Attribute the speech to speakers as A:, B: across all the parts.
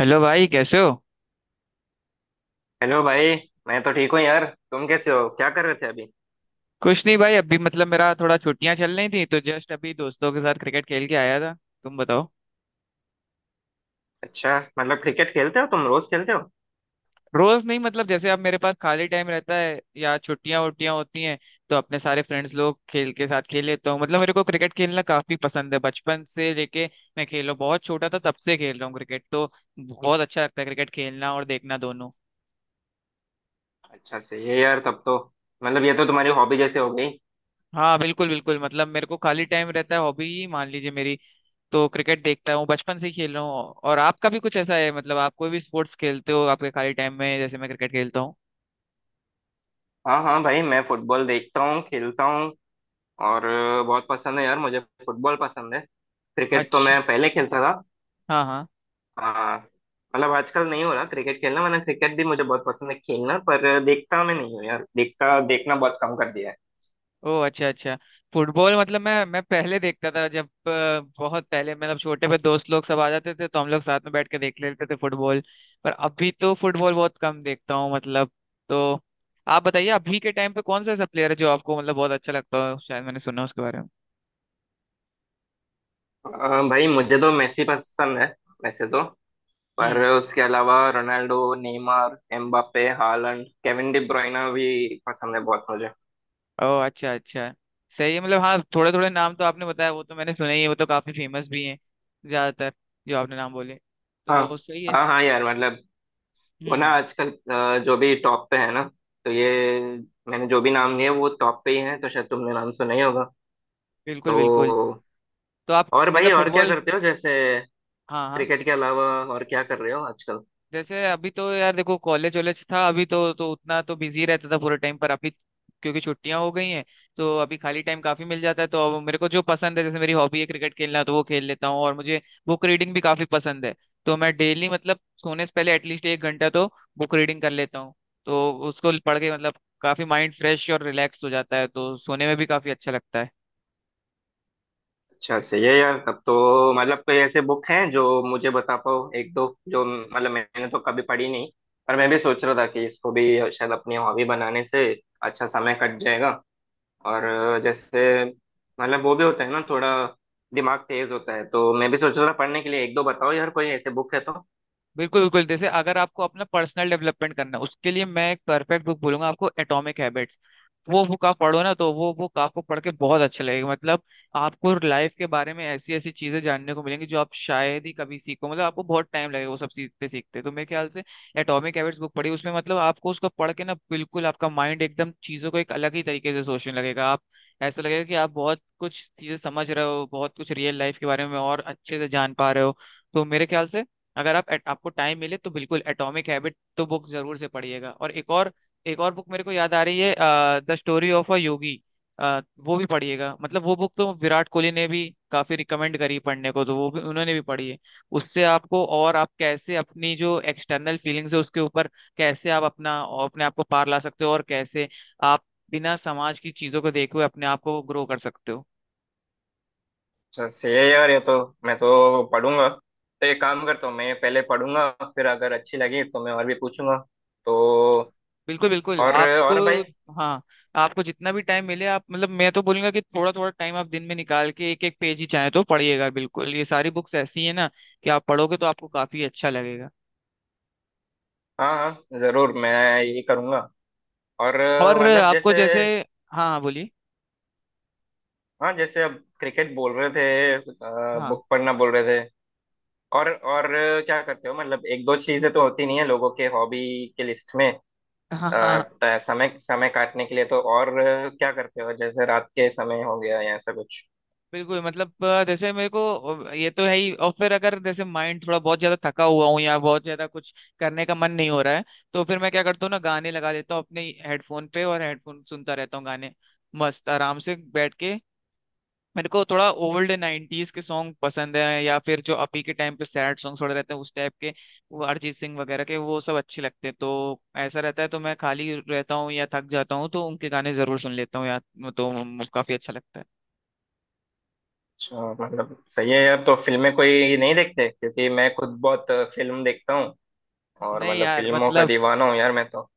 A: Hello भाई, कैसे हो?
B: हेलो भाई। मैं तो ठीक हूँ यार। तुम कैसे हो, क्या कर रहे थे अभी?
A: कुछ नहीं भाई, अभी मतलब मेरा थोड़ा छुट्टियां चल रही थी तो जस्ट अभी दोस्तों के साथ क्रिकेट खेल के आया था। तुम बताओ।
B: अच्छा मतलब क्रिकेट खेलते हो, तुम रोज खेलते हो?
A: रोज नहीं, मतलब जैसे अब मेरे पास खाली टाइम रहता है या छुट्टियां वुट्टियां होती हैं तो अपने सारे फ्रेंड्स लोग खेल के साथ खेल लेता हूँ। मतलब मेरे को क्रिकेट खेलना काफी पसंद है, बचपन से लेके मैं खेलो बहुत छोटा था तब से खेल रहा हूँ क्रिकेट, तो बहुत अच्छा लगता है क्रिकेट खेलना और देखना दोनों।
B: अच्छा सही है यार, तब तो मतलब ये तो तुम्हारी हॉबी जैसे हो गई।
A: हाँ बिल्कुल बिल्कुल, मतलब मेरे को खाली टाइम रहता है, हॉबी ही मान लीजिए मेरी। तो क्रिकेट देखता हूँ बचपन से ही खेल रहा हूँ। और आपका भी कुछ ऐसा है? मतलब आप कोई भी स्पोर्ट्स खेलते हो आपके खाली टाइम में, जैसे मैं क्रिकेट खेलता हूँ।
B: हाँ हाँ भाई, मैं फुटबॉल देखता हूँ, खेलता हूँ। और बहुत पसंद है यार मुझे। फुटबॉल पसंद है। क्रिकेट तो
A: अच्छा।
B: मैं पहले खेलता था।
A: हाँ हाँ।
B: हाँ, मतलब आजकल नहीं हो रहा क्रिकेट खेलना, वरना क्रिकेट भी मुझे बहुत पसंद है खेलना, पर देखता मैं नहीं हूँ यार, देखता देखना बहुत कम कर दिया है।
A: ओ अच्छा अच्छा। फुटबॉल मतलब मैं पहले देखता था, जब बहुत पहले, मतलब छोटे पे दोस्त लोग सब आ जाते थे तो हम लोग साथ में बैठ के देख लेते थे फुटबॉल। पर अभी तो फुटबॉल बहुत कम देखता हूँ मतलब। तो आप बताइए अभी के टाइम पे कौन सा ऐसा प्लेयर है जो आपको मतलब बहुत अच्छा लगता हो, शायद मैंने सुना उसके बारे में।
B: भाई मुझे तो मेसी पसंद है वैसे तो। पर
A: हम्म।
B: उसके अलावा Ronaldo, Neymar, Mbappe, Haaland, Kevin De Bruyne भी पसंद है बहुत मुझे।
A: ओह अच्छा अच्छा। सही है, मतलब हाँ थोड़े थोड़े नाम तो आपने बताया, वो तो मैंने सुने ही है, वो तो काफी फेमस भी हैं ज्यादातर जो आपने नाम बोले,
B: हाँ।
A: तो सही है।
B: हाँ हाँ यार, मतलब वो ना
A: हम्म।
B: आजकल जो भी टॉप पे है ना, तो ये मैंने जो भी नाम लिए वो टॉप पे ही है, तो शायद तुमने नाम सुना ही होगा।
A: बिल्कुल बिल्कुल।
B: तो
A: तो आप
B: और भाई,
A: मतलब
B: और क्या
A: फुटबॉल।
B: करते हो जैसे
A: हाँ हाँ।
B: क्रिकेट के अलावा? और क्या कर रहे हो आजकल?
A: जैसे अभी तो यार देखो कॉलेज वॉलेज था, अभी तो उतना तो बिजी रहता था पूरे टाइम। पर अभी क्योंकि छुट्टियां हो गई हैं तो अभी खाली टाइम काफी मिल जाता है, तो अब मेरे को जो पसंद है, जैसे मेरी हॉबी है क्रिकेट खेलना, तो वो खेल लेता हूँ। और मुझे बुक रीडिंग भी काफी पसंद है, तो मैं डेली मतलब सोने से पहले एटलीस्ट 1 घंटा तो बुक रीडिंग कर लेता हूँ। तो उसको पढ़ के मतलब काफी माइंड फ्रेश और रिलैक्स हो जाता है, तो सोने में भी काफी अच्छा लगता है।
B: अच्छा सही है यार, तब तो मतलब कोई ऐसे बुक हैं जो मुझे बता पाओ, एक दो जो, मतलब मैंने तो कभी पढ़ी नहीं, पर मैं भी सोच रहा था कि इसको भी शायद अपनी हॉबी बनाने से अच्छा समय कट जाएगा। और जैसे मतलब वो भी होता है ना थोड़ा दिमाग तेज होता है, तो मैं भी सोच रहा था पढ़ने के लिए, एक दो बताओ यार कोई ऐसे बुक है तो।
A: बिल्कुल बिल्कुल, जैसे अगर आपको अपना पर्सनल डेवलपमेंट करना है उसके लिए मैं एक परफेक्ट बुक बोलूंगा आपको, एटॉमिक हैबिट्स। वो बुक आप पढ़ो ना तो वो बुक आपको पढ़ के बहुत अच्छा लगेगा। मतलब आपको लाइफ के बारे में ऐसी ऐसी चीजें जानने को मिलेंगी जो आप शायद ही कभी सीखो, मतलब आपको बहुत टाइम लगेगा वो सब सीखते सीखते। तो मेरे ख्याल से एटॉमिक हैबिट्स बुक पढ़ी उसमें मतलब आपको उसको पढ़ के ना बिल्कुल आपका माइंड एकदम चीजों को एक अलग ही तरीके से सोचने लगेगा। आप ऐसा लगेगा कि आप बहुत कुछ चीजें समझ रहे हो, बहुत कुछ रियल लाइफ के बारे में और अच्छे से जान पा रहे हो। तो मेरे ख्याल से अगर आप आपको टाइम मिले तो बिल्कुल एटॉमिक हैबिट तो बुक जरूर से पढ़िएगा। और एक और बुक मेरे को याद आ रही है, द स्टोरी ऑफ अ योगी। वो भी पढ़िएगा, मतलब वो बुक तो विराट कोहली ने भी काफी रिकमेंड करी पढ़ने को, तो वो भी उन्होंने भी पढ़ी है। उससे आपको, और आप कैसे अपनी जो एक्सटर्नल फीलिंग्स है उसके ऊपर कैसे आप अपना अपने आप को पार ला सकते हो और कैसे आप बिना समाज की चीजों को देखे हुए अपने आप को ग्रो कर सकते हो।
B: अच्छा सही है यार ये तो। मैं तो पढ़ूंगा, तो एक काम करता हूँ, मैं पहले पढ़ूंगा, फिर अगर अच्छी लगी तो मैं और भी पूछूंगा। तो
A: बिल्कुल बिल्कुल। आपको,
B: और भाई।
A: हाँ, आपको जितना भी टाइम मिले आप मतलब मैं तो बोलूंगा कि थोड़ा थोड़ा टाइम आप दिन में निकाल के एक एक पेज ही चाहे तो पढ़िएगा। बिल्कुल ये सारी बुक्स ऐसी है ना कि आप पढ़ोगे तो आपको काफी अच्छा लगेगा।
B: हाँ हाँ जरूर, मैं ये करूँगा। और
A: और
B: मतलब
A: आपको
B: जैसे,
A: जैसे, हाँ हाँ बोलिए।
B: हाँ, जैसे अब क्रिकेट बोल रहे थे,
A: हाँ।
B: बुक पढ़ना बोल रहे थे, और क्या करते हो, मतलब एक दो चीजें तो होती नहीं है लोगों के हॉबी के लिस्ट में। अ,
A: हाँ हाँ।
B: समय समय काटने के लिए तो और क्या करते हो, जैसे रात के समय हो गया या ऐसा कुछ?
A: बिल्कुल मतलब जैसे मेरे को, ये तो है ही, और फिर अगर जैसे माइंड थोड़ा बहुत ज्यादा थका हुआ हूँ या बहुत ज्यादा कुछ करने का मन नहीं हो रहा है तो फिर मैं क्या करता हूँ ना, गाने लगा देता हूँ अपने हेडफोन पे और हेडफोन सुनता रहता हूँ गाने, मस्त आराम से बैठ के। मेरे को थोड़ा ओल्ड 90s के सॉन्ग पसंद है, या फिर जो अभी के टाइम पे सैड सॉन्ग थोड़े रहते हैं उस टाइप के, वो अरिजीत सिंह वगैरह के, वो सब अच्छे लगते हैं। तो ऐसा रहता है, तो मैं खाली रहता हूँ या थक जाता हूँ तो उनके गाने जरूर सुन लेता हूँ यार। तो काफी अच्छा लगता है।
B: अच्छा, मतलब सही है यार। तो फिल्में कोई नहीं देखते, क्योंकि मैं खुद बहुत फिल्म देखता हूँ और
A: नहीं
B: मतलब
A: यार
B: फिल्मों का
A: मतलब,
B: दीवाना हूँ यार मैं तो।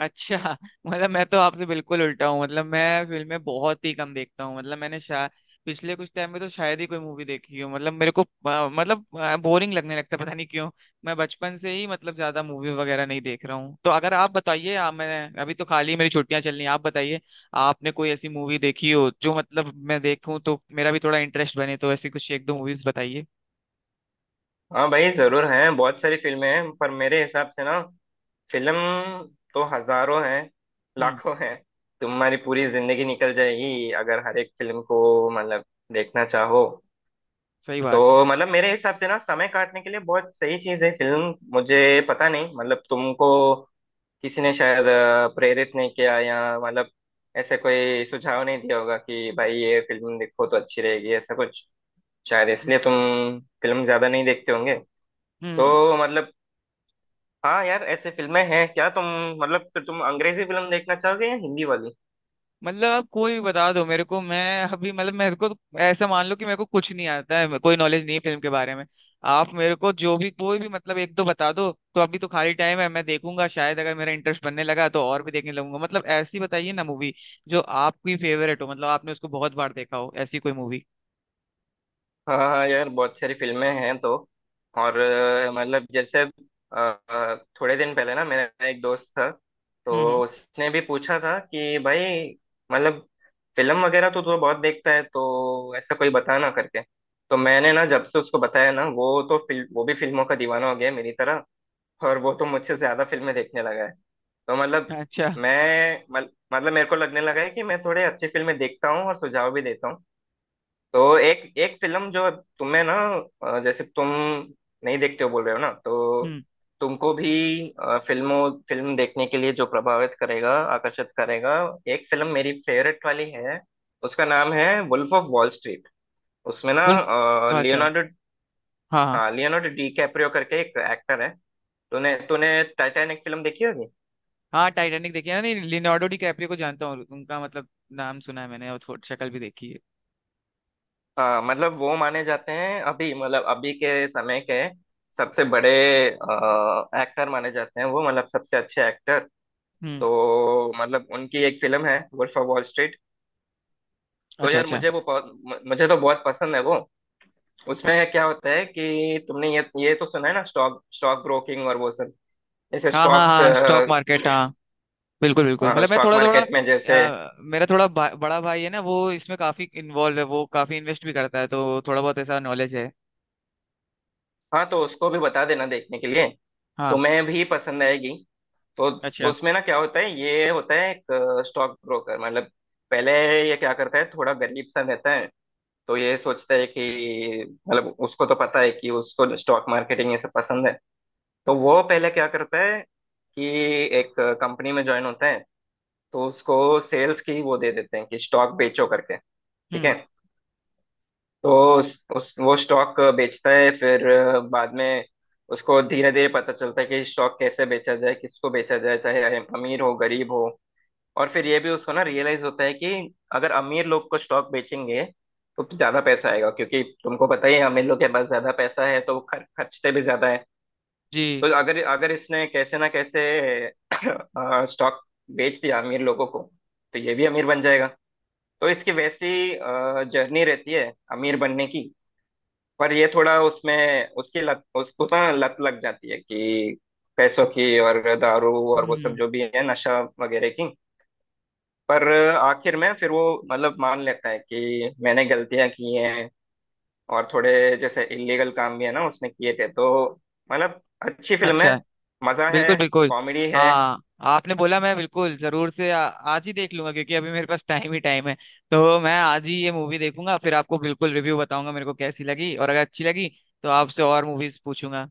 A: अच्छा मतलब मैं तो आपसे बिल्कुल उल्टा हूँ, मतलब मैं फिल्में बहुत ही कम देखता हूँ। मतलब मैंने शायद पिछले कुछ टाइम में तो शायद ही कोई मूवी देखी हो। मतलब मेरे को मतलब बोरिंग लगने लगता है, पता नहीं क्यों। मैं बचपन से ही मतलब ज्यादा मूवी वगैरह नहीं देख रहा हूँ। तो अगर आप बताइए, आप, मैं अभी तो खाली मेरी छुट्टियां चल रही हैं, आप बताइए आपने कोई ऐसी मूवी देखी हो जो मतलब मैं देखूं तो मेरा भी थोड़ा इंटरेस्ट बने, तो ऐसी कुछ एक दो मूवीज बताइए।
B: हाँ भाई जरूर हैं, बहुत सारी फिल्में हैं, पर मेरे हिसाब से ना फिल्म तो हजारों हैं,
A: हम्म।
B: लाखों हैं। तुम्हारी पूरी जिंदगी निकल जाएगी अगर हर एक फिल्म को मतलब देखना चाहो।
A: सही बात है।
B: तो मतलब मेरे हिसाब से ना समय काटने के लिए बहुत सही चीज है फिल्म मुझे। पता नहीं मतलब तुमको किसी ने शायद प्रेरित नहीं किया, या मतलब ऐसे कोई सुझाव नहीं दिया होगा कि भाई ये फिल्म देखो तो अच्छी रहेगी ऐसा कुछ, शायद इसलिए तुम फिल्म ज्यादा नहीं देखते होंगे।
A: हम्म।
B: तो मतलब हाँ यार, ऐसे फिल्में हैं क्या? तुम मतलब, तो तुम अंग्रेजी फिल्म देखना चाहोगे या हिंदी वाली?
A: मतलब आप कोई भी बता दो मेरे को, मैं अभी मतलब मेरे को ऐसा मान लो कि मेरे को कुछ नहीं आता है, कोई नॉलेज नहीं है फिल्म के बारे में। आप मेरे को जो भी कोई भी मतलब एक दो बता दो, तो अभी तो खाली टाइम है मैं देखूंगा, शायद अगर मेरा इंटरेस्ट बनने लगा तो और भी देखने लगूंगा। मतलब ऐसी बताइए ना मूवी जो आपकी फेवरेट हो, मतलब आपने उसको बहुत बार देखा हो, ऐसी कोई मूवी।
B: हाँ हाँ यार, बहुत सारी फिल्में हैं तो। और मतलब जैसे, अ, थोड़े दिन पहले ना मेरा एक दोस्त था,
A: हम्म, हम्म।
B: तो उसने भी पूछा था कि भाई मतलब फिल्म वगैरह तो तू बहुत देखता है, तो ऐसा कोई बता ना करके। तो मैंने ना जब से उसको बताया ना, वो तो फिल्म, वो भी फिल्मों का दीवाना हो गया है मेरी तरह, और वो तो मुझसे ज्यादा फिल्में देखने लगा है। तो मतलब
A: अच्छा।
B: मतलब मेरे को लगने लगा है कि मैं थोड़े अच्छी फिल्में देखता हूँ और सुझाव भी देता हूँ। तो एक एक फिल्म जो तुम्हें ना जैसे तुम नहीं देखते हो बोल रहे हो ना, तो
A: हम्म।
B: तुमको भी फिल्म देखने के लिए जो प्रभावित करेगा, आकर्षित करेगा, एक फिल्म मेरी फेवरेट वाली है। उसका नाम है वुल्फ ऑफ वॉल स्ट्रीट। उसमें ना
A: वुल्फ। अच्छा।
B: लियोनार्डो,
A: हाँ हाँ।
B: हाँ लियोनार्डो डी कैप्रियो करके एक एक्टर है। तूने तूने टाइटैनिक फिल्म देखी होगी।
A: हाँ, टाइटैनिक देखी है ना, नहीं लियोनार्डो डिकैप्रियो को जानता हूँ, उनका मतलब नाम सुना है मैंने और थोड़ी शक्ल भी देखी है।
B: हाँ मतलब वो माने जाते हैं अभी, मतलब अभी के समय के सबसे बड़े एक्टर माने जाते हैं वो, मतलब सबसे अच्छे एक्टर।
A: हम्म।
B: तो मतलब उनकी एक फिल्म है वुल्फ ऑफ वॉल स्ट्रीट। तो
A: अच्छा
B: यार
A: अच्छा।
B: मुझे वो मुझे तो बहुत पसंद है वो। उसमें क्या होता है कि तुमने ये तो सुना है ना, स्टॉक स्टॉक ब्रोकिंग और वो सब, जैसे
A: हाँ हाँ
B: स्टॉक्स,
A: हाँ, स्टॉक मार्केट, हाँ बिल्कुल बिल्कुल, मतलब मैं
B: स्टॉक
A: थोड़ा थोड़ा
B: मार्केट में जैसे।
A: मेरा थोड़ा बड़ा भाई है ना, वो इसमें काफी इन्वॉल्व है, वो काफी इन्वेस्ट भी करता है तो थोड़ा बहुत ऐसा नॉलेज है।
B: हाँ, तो उसको भी बता देना देखने के लिए,
A: हाँ।
B: तुम्हें भी पसंद आएगी। तो
A: अच्छा।
B: उसमें ना क्या होता है, ये होता है एक स्टॉक ब्रोकर। मतलब पहले ये क्या करता है, थोड़ा गरीब सा रहता है। तो ये सोचता है कि मतलब उसको तो पता है कि उसको स्टॉक मार्केटिंग ये सब पसंद है। तो वो पहले क्या करता है कि एक कंपनी में ज्वाइन होता है। तो उसको सेल्स की वो दे देते हैं कि स्टॉक बेचो करके, ठीक है।
A: हम्म।
B: तो उस वो स्टॉक बेचता है, फिर बाद में उसको धीरे धीरे पता चलता है कि स्टॉक कैसे बेचा जाए, किसको बेचा जाए, चाहे अमीर हो गरीब हो। और फिर ये भी उसको ना रियलाइज होता है कि अगर अमीर लोग को स्टॉक बेचेंगे, तो ज्यादा पैसा आएगा, क्योंकि तुमको पता ही है अमीर लोग के पास ज्यादा पैसा है, तो वो खर्चते भी ज्यादा है।
A: जी।
B: तो अगर अगर इसने कैसे ना कैसे स्टॉक बेच दिया अमीर लोगों को, तो ये भी अमीर बन जाएगा। तो इसकी वैसी जर्नी रहती है अमीर बनने की। पर ये थोड़ा उसमें उसकी लत, उसको ना लत लग जाती है कि पैसों की और दारू और वो सब
A: हम्म।
B: जो भी है नशा वगैरह की। पर आखिर में फिर वो मतलब मान लेता है कि मैंने गलतियां की हैं, और थोड़े जैसे इलीगल काम भी है ना उसने किए थे तो मतलब। अच्छी फिल्म
A: अच्छा।
B: है, मजा है,
A: बिल्कुल बिल्कुल।
B: कॉमेडी है।
A: हाँ। आपने बोला मैं बिल्कुल जरूर से आज ही देख लूंगा क्योंकि अभी मेरे पास टाइम ही टाइम है, तो मैं आज ही ये मूवी देखूंगा फिर आपको बिल्कुल रिव्यू बताऊंगा मेरे को कैसी लगी, और अगर अच्छी लगी तो आपसे और मूवीज पूछूंगा।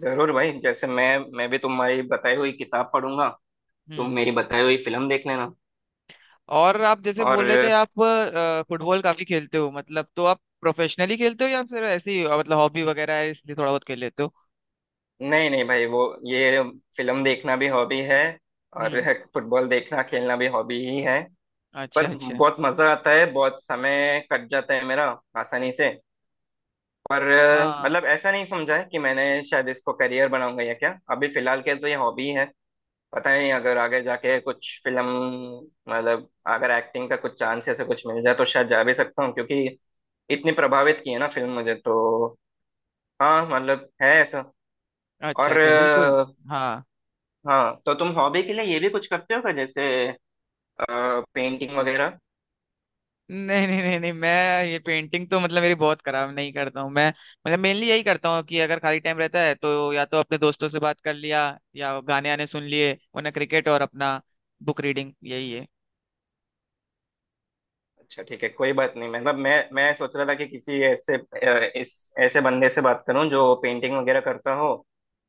B: जरूर भाई, जैसे मैं भी तुम्हारी बताई हुई किताब पढ़ूंगा, तुम
A: हम्म।
B: मेरी बताई हुई फिल्म देख लेना।
A: और आप जैसे
B: और
A: बोल रहे थे आप फुटबॉल काफी खेलते हो मतलब, तो आप प्रोफेशनली खेलते हो या फिर ऐसे ही मतलब हॉबी वगैरह है इसलिए थोड़ा बहुत खेल लेते हो?
B: नहीं नहीं भाई, वो ये फिल्म देखना भी हॉबी है, और
A: हम्म।
B: फुटबॉल देखना खेलना भी हॉबी ही है। पर
A: अच्छा अच्छा।
B: बहुत मजा आता है, बहुत समय कट जाता है मेरा आसानी से। पर
A: हाँ।
B: मतलब ऐसा नहीं समझा है कि मैंने शायद इसको करियर बनाऊंगा या क्या, अभी फिलहाल के तो ये हॉबी है। पता नहीं, अगर आगे जाके कुछ फिल्म, मतलब अगर एक्टिंग का कुछ चांस ऐसा कुछ मिल जाए तो शायद जा भी सकता हूँ, क्योंकि इतनी प्रभावित की है ना फिल्म मुझे तो। हाँ मतलब है ऐसा।
A: अच्छा
B: और
A: अच्छा बिल्कुल। हाँ।
B: हाँ, तो तुम हॉबी के लिए ये भी कुछ करते हो क्या, जैसे पेंटिंग वगैरह?
A: नहीं नहीं नहीं नहीं, मैं ये पेंटिंग तो मतलब मेरी बहुत खराब, नहीं करता हूँ मैं, मतलब मेनली यही करता हूँ कि अगर खाली टाइम रहता है तो या तो अपने दोस्तों से बात कर लिया या गाने आने सुन लिए, वरना क्रिकेट और अपना बुक रीडिंग यही है।
B: अच्छा ठीक है, कोई बात नहीं। मतलब मैं सोच रहा था कि किसी ऐसे इस ऐसे बंदे से बात करूं जो पेंटिंग वगैरह करता हो,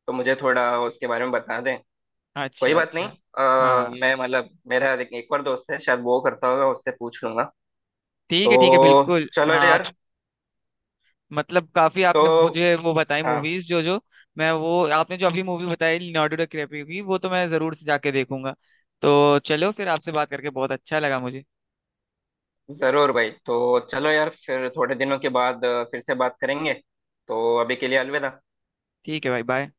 B: तो मुझे थोड़ा उसके बारे में बता दें। कोई
A: अच्छा
B: बात नहीं।
A: अच्छा। हाँ।
B: मैं मतलब मेरा एक एक और दोस्त है शायद वो करता होगा, उससे पूछ लूंगा।
A: ठीक है ठीक है,
B: तो
A: बिल्कुल
B: चलो
A: हाँ।
B: यार।
A: मतलब काफी
B: तो
A: आपने मुझे वो बताई
B: हाँ
A: मूवीज जो जो, मैं वो आपने जो अभी मूवी बताई लियोनार्डो डिकैप्रियो की, वो तो मैं जरूर से जाके देखूंगा। तो चलो फिर आपसे बात करके बहुत अच्छा लगा मुझे।
B: जरूर भाई, तो चलो यार फिर थोड़े दिनों के बाद फिर से बात करेंगे। तो अभी के लिए अलविदा।
A: ठीक है भाई, बाय।